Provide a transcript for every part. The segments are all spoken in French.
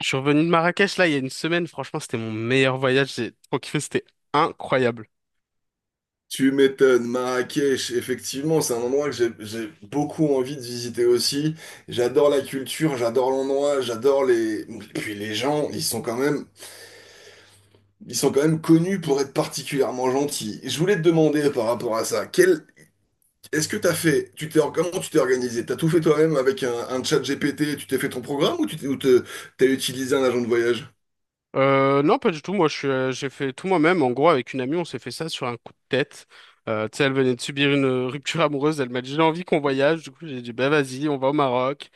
Je suis revenu de Marrakech là il y a une semaine, franchement c'était mon meilleur voyage, j'ai trop kiffé, c'était incroyable. Tu m'étonnes, Marrakech, effectivement, c'est un endroit que j'ai beaucoup envie de visiter aussi. J'adore la culture, j'adore l'endroit, j'adore les... Et puis les gens, ils sont quand même, ils sont quand même connus pour être particulièrement gentils. Je voulais te demander par rapport à ça, quel... est-ce que t'as fait, tu t'es, comment tu t'es organisé? T'as tout fait toi-même avec un chat GPT, tu t'es fait ton programme ou tu t'es, ou t'as utilisé un agent de voyage? Non pas du tout, moi j'ai fait tout moi-même, en gros avec une amie on s'est fait ça sur un coup de tête. Tu sais elle venait de subir une rupture amoureuse, elle m'a dit j'ai envie qu'on voyage, du coup j'ai dit bah vas-y on va au Maroc.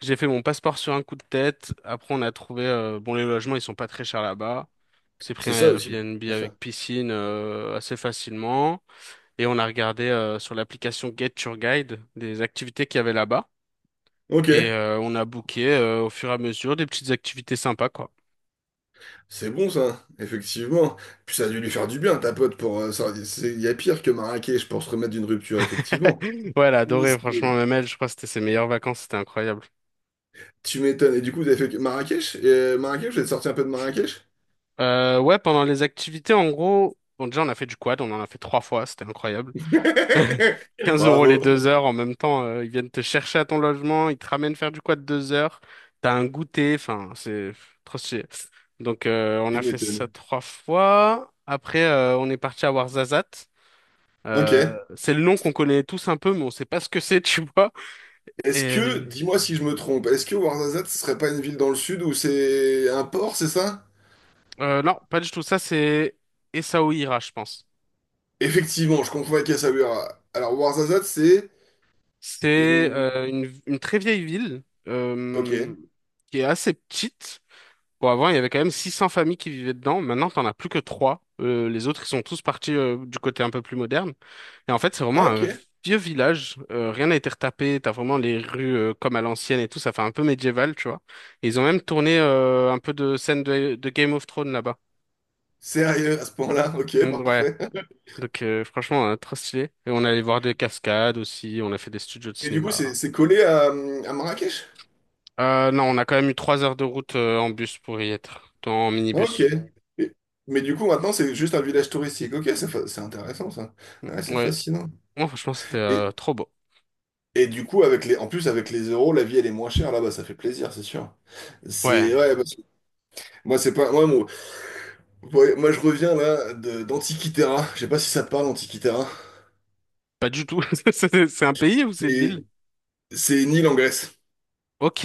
J'ai fait mon passeport sur un coup de tête, après on a trouvé, bon les logements ils sont pas très chers là-bas. On s'est pris C'est un ça aussi, Airbnb bien sûr. avec piscine assez facilement et on a regardé sur l'application Get Your Guide des activités qu'il y avait là-bas. Ok. Et on a booké au fur et à mesure des petites activités sympas, quoi. C'est bon ça, effectivement. Puis ça a dû lui faire du bien, ta pote, pour ça. Il y a pire que Marrakech pour se remettre d'une rupture, effectivement. Ouais, elle a adoré, franchement, C'est- même elle, je crois que c'était ses meilleures vacances, c'était incroyable. Tu m'étonnes. Et du coup, vous avez fait Marrakech? Et Marrakech, vous êtes sorti un peu de Marrakech? Ouais, pendant les activités, en gros, bon, déjà, on a fait du quad, on en a fait 3 fois, c'était incroyable. 15 euros les Bravo, 2 heures, en même temps, ils viennent te chercher à ton logement, ils te ramènent faire du quad 2 heures, t'as un goûter, enfin, c'est trop stylé. Donc, on tu a fait ça m'étonnes. 3 fois. Après, on est parti à Ouarzazate. Euh, Ok. c'est le nom qu'on connaît tous un peu, mais on sait pas ce que c'est, tu vois. Est-ce que, Et dis-moi si je me trompe, est-ce que Ouarzazate, ce serait pas une ville dans le sud où c'est un port, c'est ça? non, pas du tout. Ça, c'est Essaouira, je pense. Effectivement, je confonds avec Essaouira. Alors Ouarzazate, c'est C'est une... euh, une, une très vieille ville Ok. euh, qui est assez petite. Bon, avant, il y avait quand même 600 familles qui vivaient dedans. Maintenant, t'en as plus que trois. Les autres, ils sont tous partis du côté un peu plus moderne. Et en fait, c'est Ah vraiment ok. un vieux village. Rien n'a été retapé. T'as vraiment les rues comme à l'ancienne et tout. Ça fait un peu médiéval, tu vois. Et ils ont même tourné un peu de scènes de Game of Thrones là-bas. Sérieux, à ce point-là, ok, Donc, ouais. parfait. Donc, franchement, trop stylé. Et on allait voir des cascades aussi. On a fait des studios de Et du coup, cinéma. c'est collé à Marrakech? Non, on a quand même eu 3 heures de route en bus pour y être. En Ok. minibus. Et- Mais du coup, maintenant, c'est juste un village touristique. Ok, c'est intéressant, ça. Ouais, c'est Ouais. fascinant. Moi, franchement, c'était Et, trop beau. et du coup, avec les, en plus, avec les euros, la vie, elle est moins chère là-bas. Ça fait plaisir, c'est sûr. Ouais, C'est, ouais, parce que moi, c'est pas... Moi, ouais, moi, je reviens, là, d'Antikythera. Je sais pas si ça te parle, Antikythera. pas du tout. C'est un pays ou c'est une ville? C'est c'est une île en Grèce. Ok.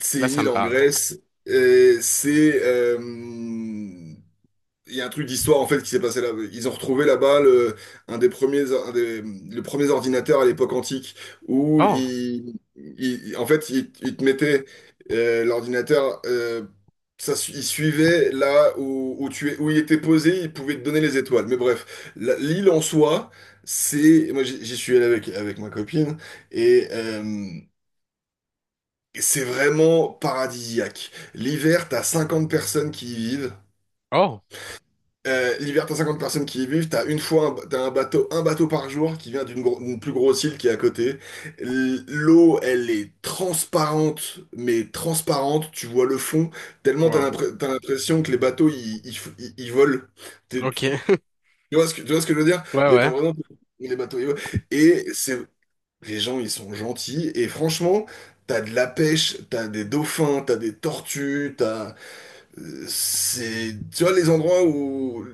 C'est Là, une ça île me en parle. Grèce. Et c'est... il y a un truc d'histoire en fait qui s'est passé là. Ils ont retrouvé là-bas le, un des premiers, un des, le premier ordinateur à l'époque antique où Oh, ils, en fait, ils te mettaient l'ordinateur, ça, ils suivaient là où, où tu es, où il était posé, ils pouvaient te donner les étoiles. Mais bref, l'île en soi, c'est, moi j'y suis allé avec ma copine et c'est vraiment paradisiaque. L'hiver, t'as 50 personnes qui y vivent. oh, L'hiver, t'as 50 personnes qui y vivent, t'as une fois un, t'as un bateau par jour qui vient d'une d'une plus grosse île qui est à côté. L'eau, elle est transparente, mais transparente, tu vois le fond, tellement t'as wow. T'as l'impression que les bateaux, ils, ils volent. Ok. Tu vois ce que, tu vois ce que je veux dire? Ouais, Les, ouais. Les bateaux, ils volent. Et c'est, les gens, ils sont gentils, et franchement, t'as de la pêche, t'as des dauphins, t'as des tortues, t'as. C'est, tu vois, les endroits où,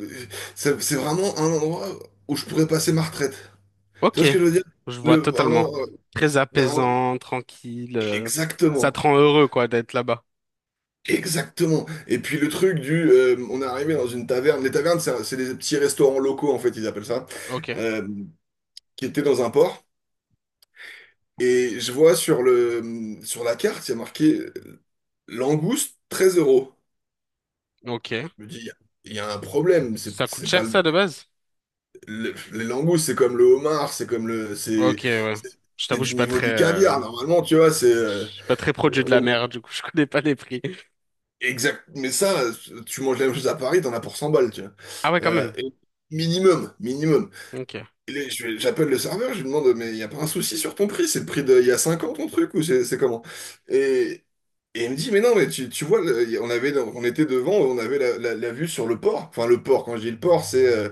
c'est vraiment un endroit où je pourrais passer ma retraite. Tu Ok. vois ce que je veux dire? Je vois Le, un totalement. endroit- Très ben, un- apaisant, tranquille. Ça te exactement. rend heureux, quoi, d'être là-bas. Exactement. Et puis le truc du, on est arrivé dans une taverne. Les tavernes, c'est des petits restaurants locaux, en fait, ils appellent ça, Ok. euh, qui étaient dans un port. Et je vois sur le, sur la carte, il y a marqué langouste 13 euros. Ok. Je me dis, il y a un problème. C'est Ça coûte c'est cher, pas, ça, de base? Les langoustes, c'est comme le homard, c'est comme le, Ok, c'est, ouais. c'est Je c'est t'avoue, du niveau du caviar. Normalement, tu vois, c'est, je suis pas très produit de la on- mer, du coup, je connais pas les prix. exact. Mais ça, tu manges la même chose à Paris, t'en as pour 100 balles, tu vois. Ah ouais, quand Euh, même. et minimum, minimum. Ok. J'appelle le serveur, je lui demande, mais il y a pas un souci sur ton prix? C'est le prix d'il y a 5 ans ton truc ou c'est comment? Et, et il me dit, mais non, mais tu vois, on avait, on était devant, on avait la, la vue sur le port. Enfin, le port. Quand je dis le port, c'est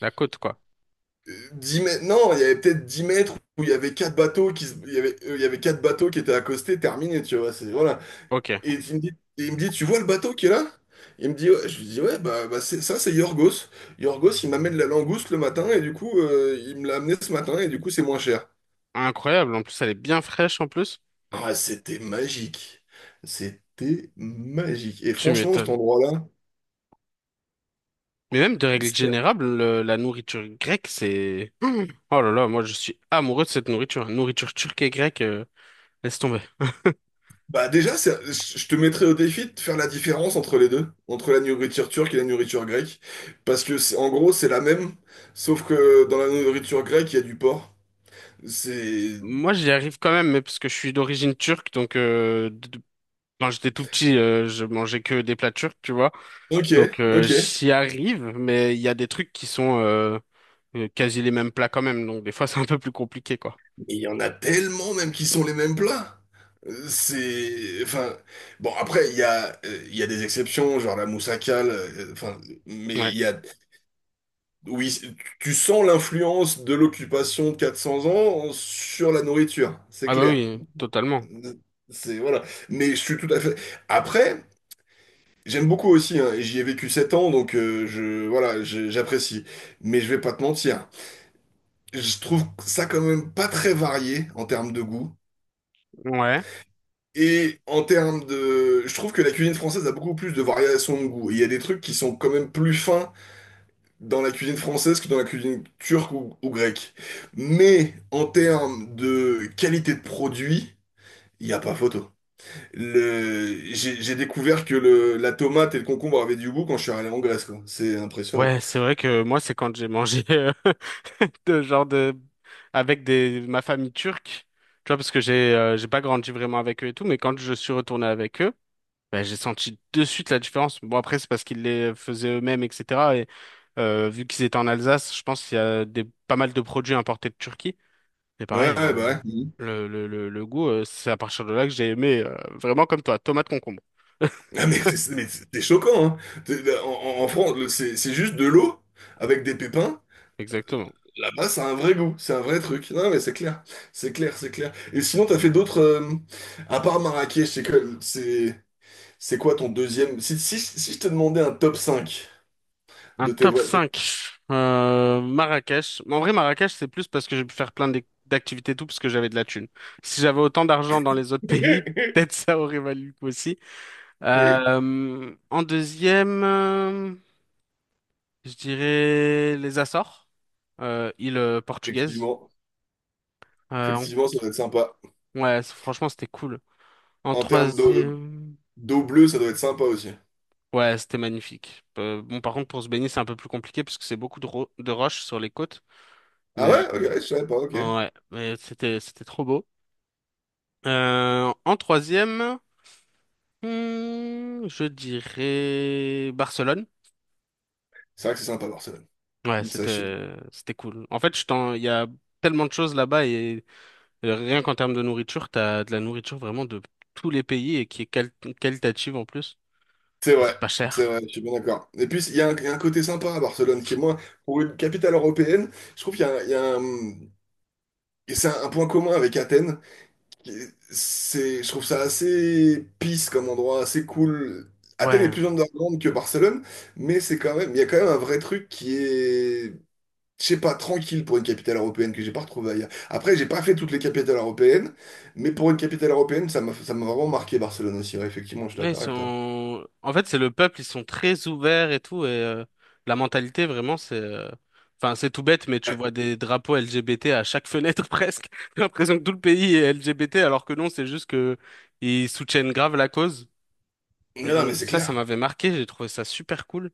La côte, quoi. 10 mètres, non, il y avait peut-être 10 mètres où il y avait quatre bateaux il y avait quatre bateaux qui étaient accostés, terminé, tu vois, c'est voilà. Ok. Et il me dit, et il me dit, tu vois le bateau qui est là? Il me dit, ouais, je lui dis, ouais, bah, c'est, ça, c'est Yorgos. Yorgos, il m'amène la langouste le matin et du coup, il me l'a amené ce matin et du coup, c'est moins cher. Incroyable. En plus, elle est bien fraîche, en plus. Ah, c'était magique. C'était magique. Et Tu franchement, cet m'étonnes. endroit-là, Mais même de règle générale, la nourriture grecque, c'est... Mmh. Oh là là, moi je suis amoureux de cette nourriture. Nourriture turque et grecque, laisse tomber. bah déjà, je te mettrais au défi de faire la différence entre les deux, entre la nourriture turque et la nourriture grecque, parce que en gros c'est la même, sauf que dans la nourriture grecque il y a du porc. C'est Moi j'y arrive quand même, mais parce que je suis d'origine turque, quand j'étais tout petit, je mangeais que des plats turcs, tu vois. ok, Donc ok. j'y arrive, mais il y a des trucs qui sont quasi les mêmes plats quand même, donc des fois c'est un peu plus compliqué, quoi. Il y en a tellement même qui sont les mêmes plats. C'est enfin bon après il y a des exceptions genre la moussakal, enfin mais Ouais. il y a oui tu sens l'influence de l'occupation de 400 ans sur la nourriture, c'est Ah bah clair. oui, totalement. C'est voilà. Mais je suis tout à fait. Après, j'aime beaucoup aussi, hein, et j'y ai vécu 7 ans, donc je voilà, j'apprécie. Mais je vais pas te mentir. Je trouve ça quand même pas très varié en termes de goût. Ouais. Et en termes de, je trouve que la cuisine française a beaucoup plus de variations de goût. Il y a des trucs qui sont quand même plus fins dans la cuisine française que dans la cuisine turque ou grecque. Mais en termes de qualité de produit, il n'y a pas photo. Le... J'ai découvert que le... la tomate et le concombre avaient du goût quand je suis allé en Grèce, quoi. C'est impressionnant. Ouais, c'est vrai que moi, c'est quand j'ai mangé de genre de avec des ma famille turque, tu vois, parce que j'ai pas grandi vraiment avec eux et tout, mais quand je suis retourné avec eux, ben, j'ai senti de suite la différence. Bon après, c'est parce qu'ils les faisaient eux-mêmes, etc. Et vu qu'ils étaient en Alsace, je pense qu'il y a des pas mal de produits importés de Turquie. C'est Ouais, pareil, hein, ouais, bah ouais. Mhm. le goût, c'est à partir de là que j'ai aimé vraiment comme toi, tomate concombre. Ah, mais c'est mais c'est choquant, hein. En, en France, c'est juste de l'eau avec des pépins. Exactement. Là-bas, c'est un vrai goût, c'est un vrai truc. Non, mais c'est clair, c'est clair, c'est clair. Et sinon, t'as fait d'autres... à part Marrakech, c'est quoi ton deuxième... Si, si, si je te demandais un top cinq Un de tes... top cinq. Marrakech. En vrai, Marrakech, c'est plus parce que j'ai pu faire plein d'activités et tout, parce que j'avais de la thune. Si j'avais autant d'argent dans les autres pays, peut-être ça aurait valu le coup aussi. En deuxième, je dirais les Açores, île portugaise. Effectivement, Euh, en- effectivement, ça doit être sympa. Ouais, franchement, c'était cool. En En termes de, troisième, d'eau bleue, ça doit être sympa aussi. ouais, c'était magnifique. Bon, par contre, pour se baigner, c'est un peu plus compliqué, parce que c'est beaucoup de, de roches sur les côtes. Ah Mais ouais? Ok, euh, je savais pas, ok. Ouais, mais c'était trop beau. En troisième, je dirais Barcelone. C'est vrai que c'est sympa Barcelone. Ouais, Ça, je suis- c'était cool. En fait, il y a tellement de choses là-bas et rien qu'en termes de nourriture, t'as de la nourriture vraiment de tous les pays et qui est qualitative en plus. C'est Et c'est vrai, pas c'est cher. vrai, je suis bien d'accord. Et puis, il y a un côté sympa à Barcelone qui est moins, pour une capitale européenne, je trouve qu'il y a, un- et c'est un point commun avec Athènes. C'est, je trouve ça assez peace comme endroit, assez cool. Athènes est Ouais. plus underground que Barcelone, mais c'est quand même, il y a quand même un vrai truc qui est je sais pas, tranquille pour une capitale européenne que j'ai pas retrouvée ailleurs. Après, j'ai pas fait toutes les capitales européennes, mais pour une capitale européenne, ça m'a vraiment marqué Barcelone aussi. Ouais, effectivement, je suis Ouais, ils d'accord avec toi. sont... En fait, c'est le peuple, ils sont très ouverts et tout, et la mentalité, vraiment, c'est... enfin, c'est tout bête, mais tu Ouais. vois des drapeaux LGBT à chaque fenêtre, presque. J'ai l'impression que tout le pays est LGBT, alors que non, c'est juste que ils soutiennent grave la cause. Et Non, non, mais donc c'est ça clair. m'avait marqué, j'ai trouvé ça super cool.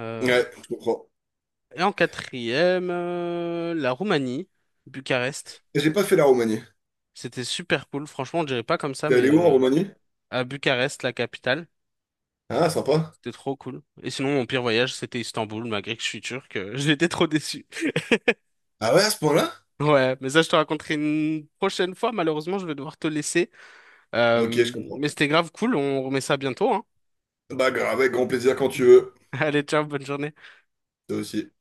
Euh, Ouais, je comprends. Et en quatrième, la Roumanie, Bucarest. J'ai pas fait la Roumanie. C'était super cool, franchement, on dirait pas comme ça, T'es mais allé où en euh, Roumanie? à Bucarest, la capitale. Ah, sympa. C'était trop cool. Et sinon, mon pire voyage, c'était Istanbul, malgré que je suis turc. J'étais trop déçu. Ah ouais, à ce point-là? Ouais, mais ça, je te raconterai une prochaine fois. Malheureusement, je vais devoir te laisser. Euh, Ok, je comprends. mais c'était grave cool. On remet ça bientôt, hein. Bah grave, avec grand plaisir quand tu veux. Allez, ciao, bonne journée. Toi aussi.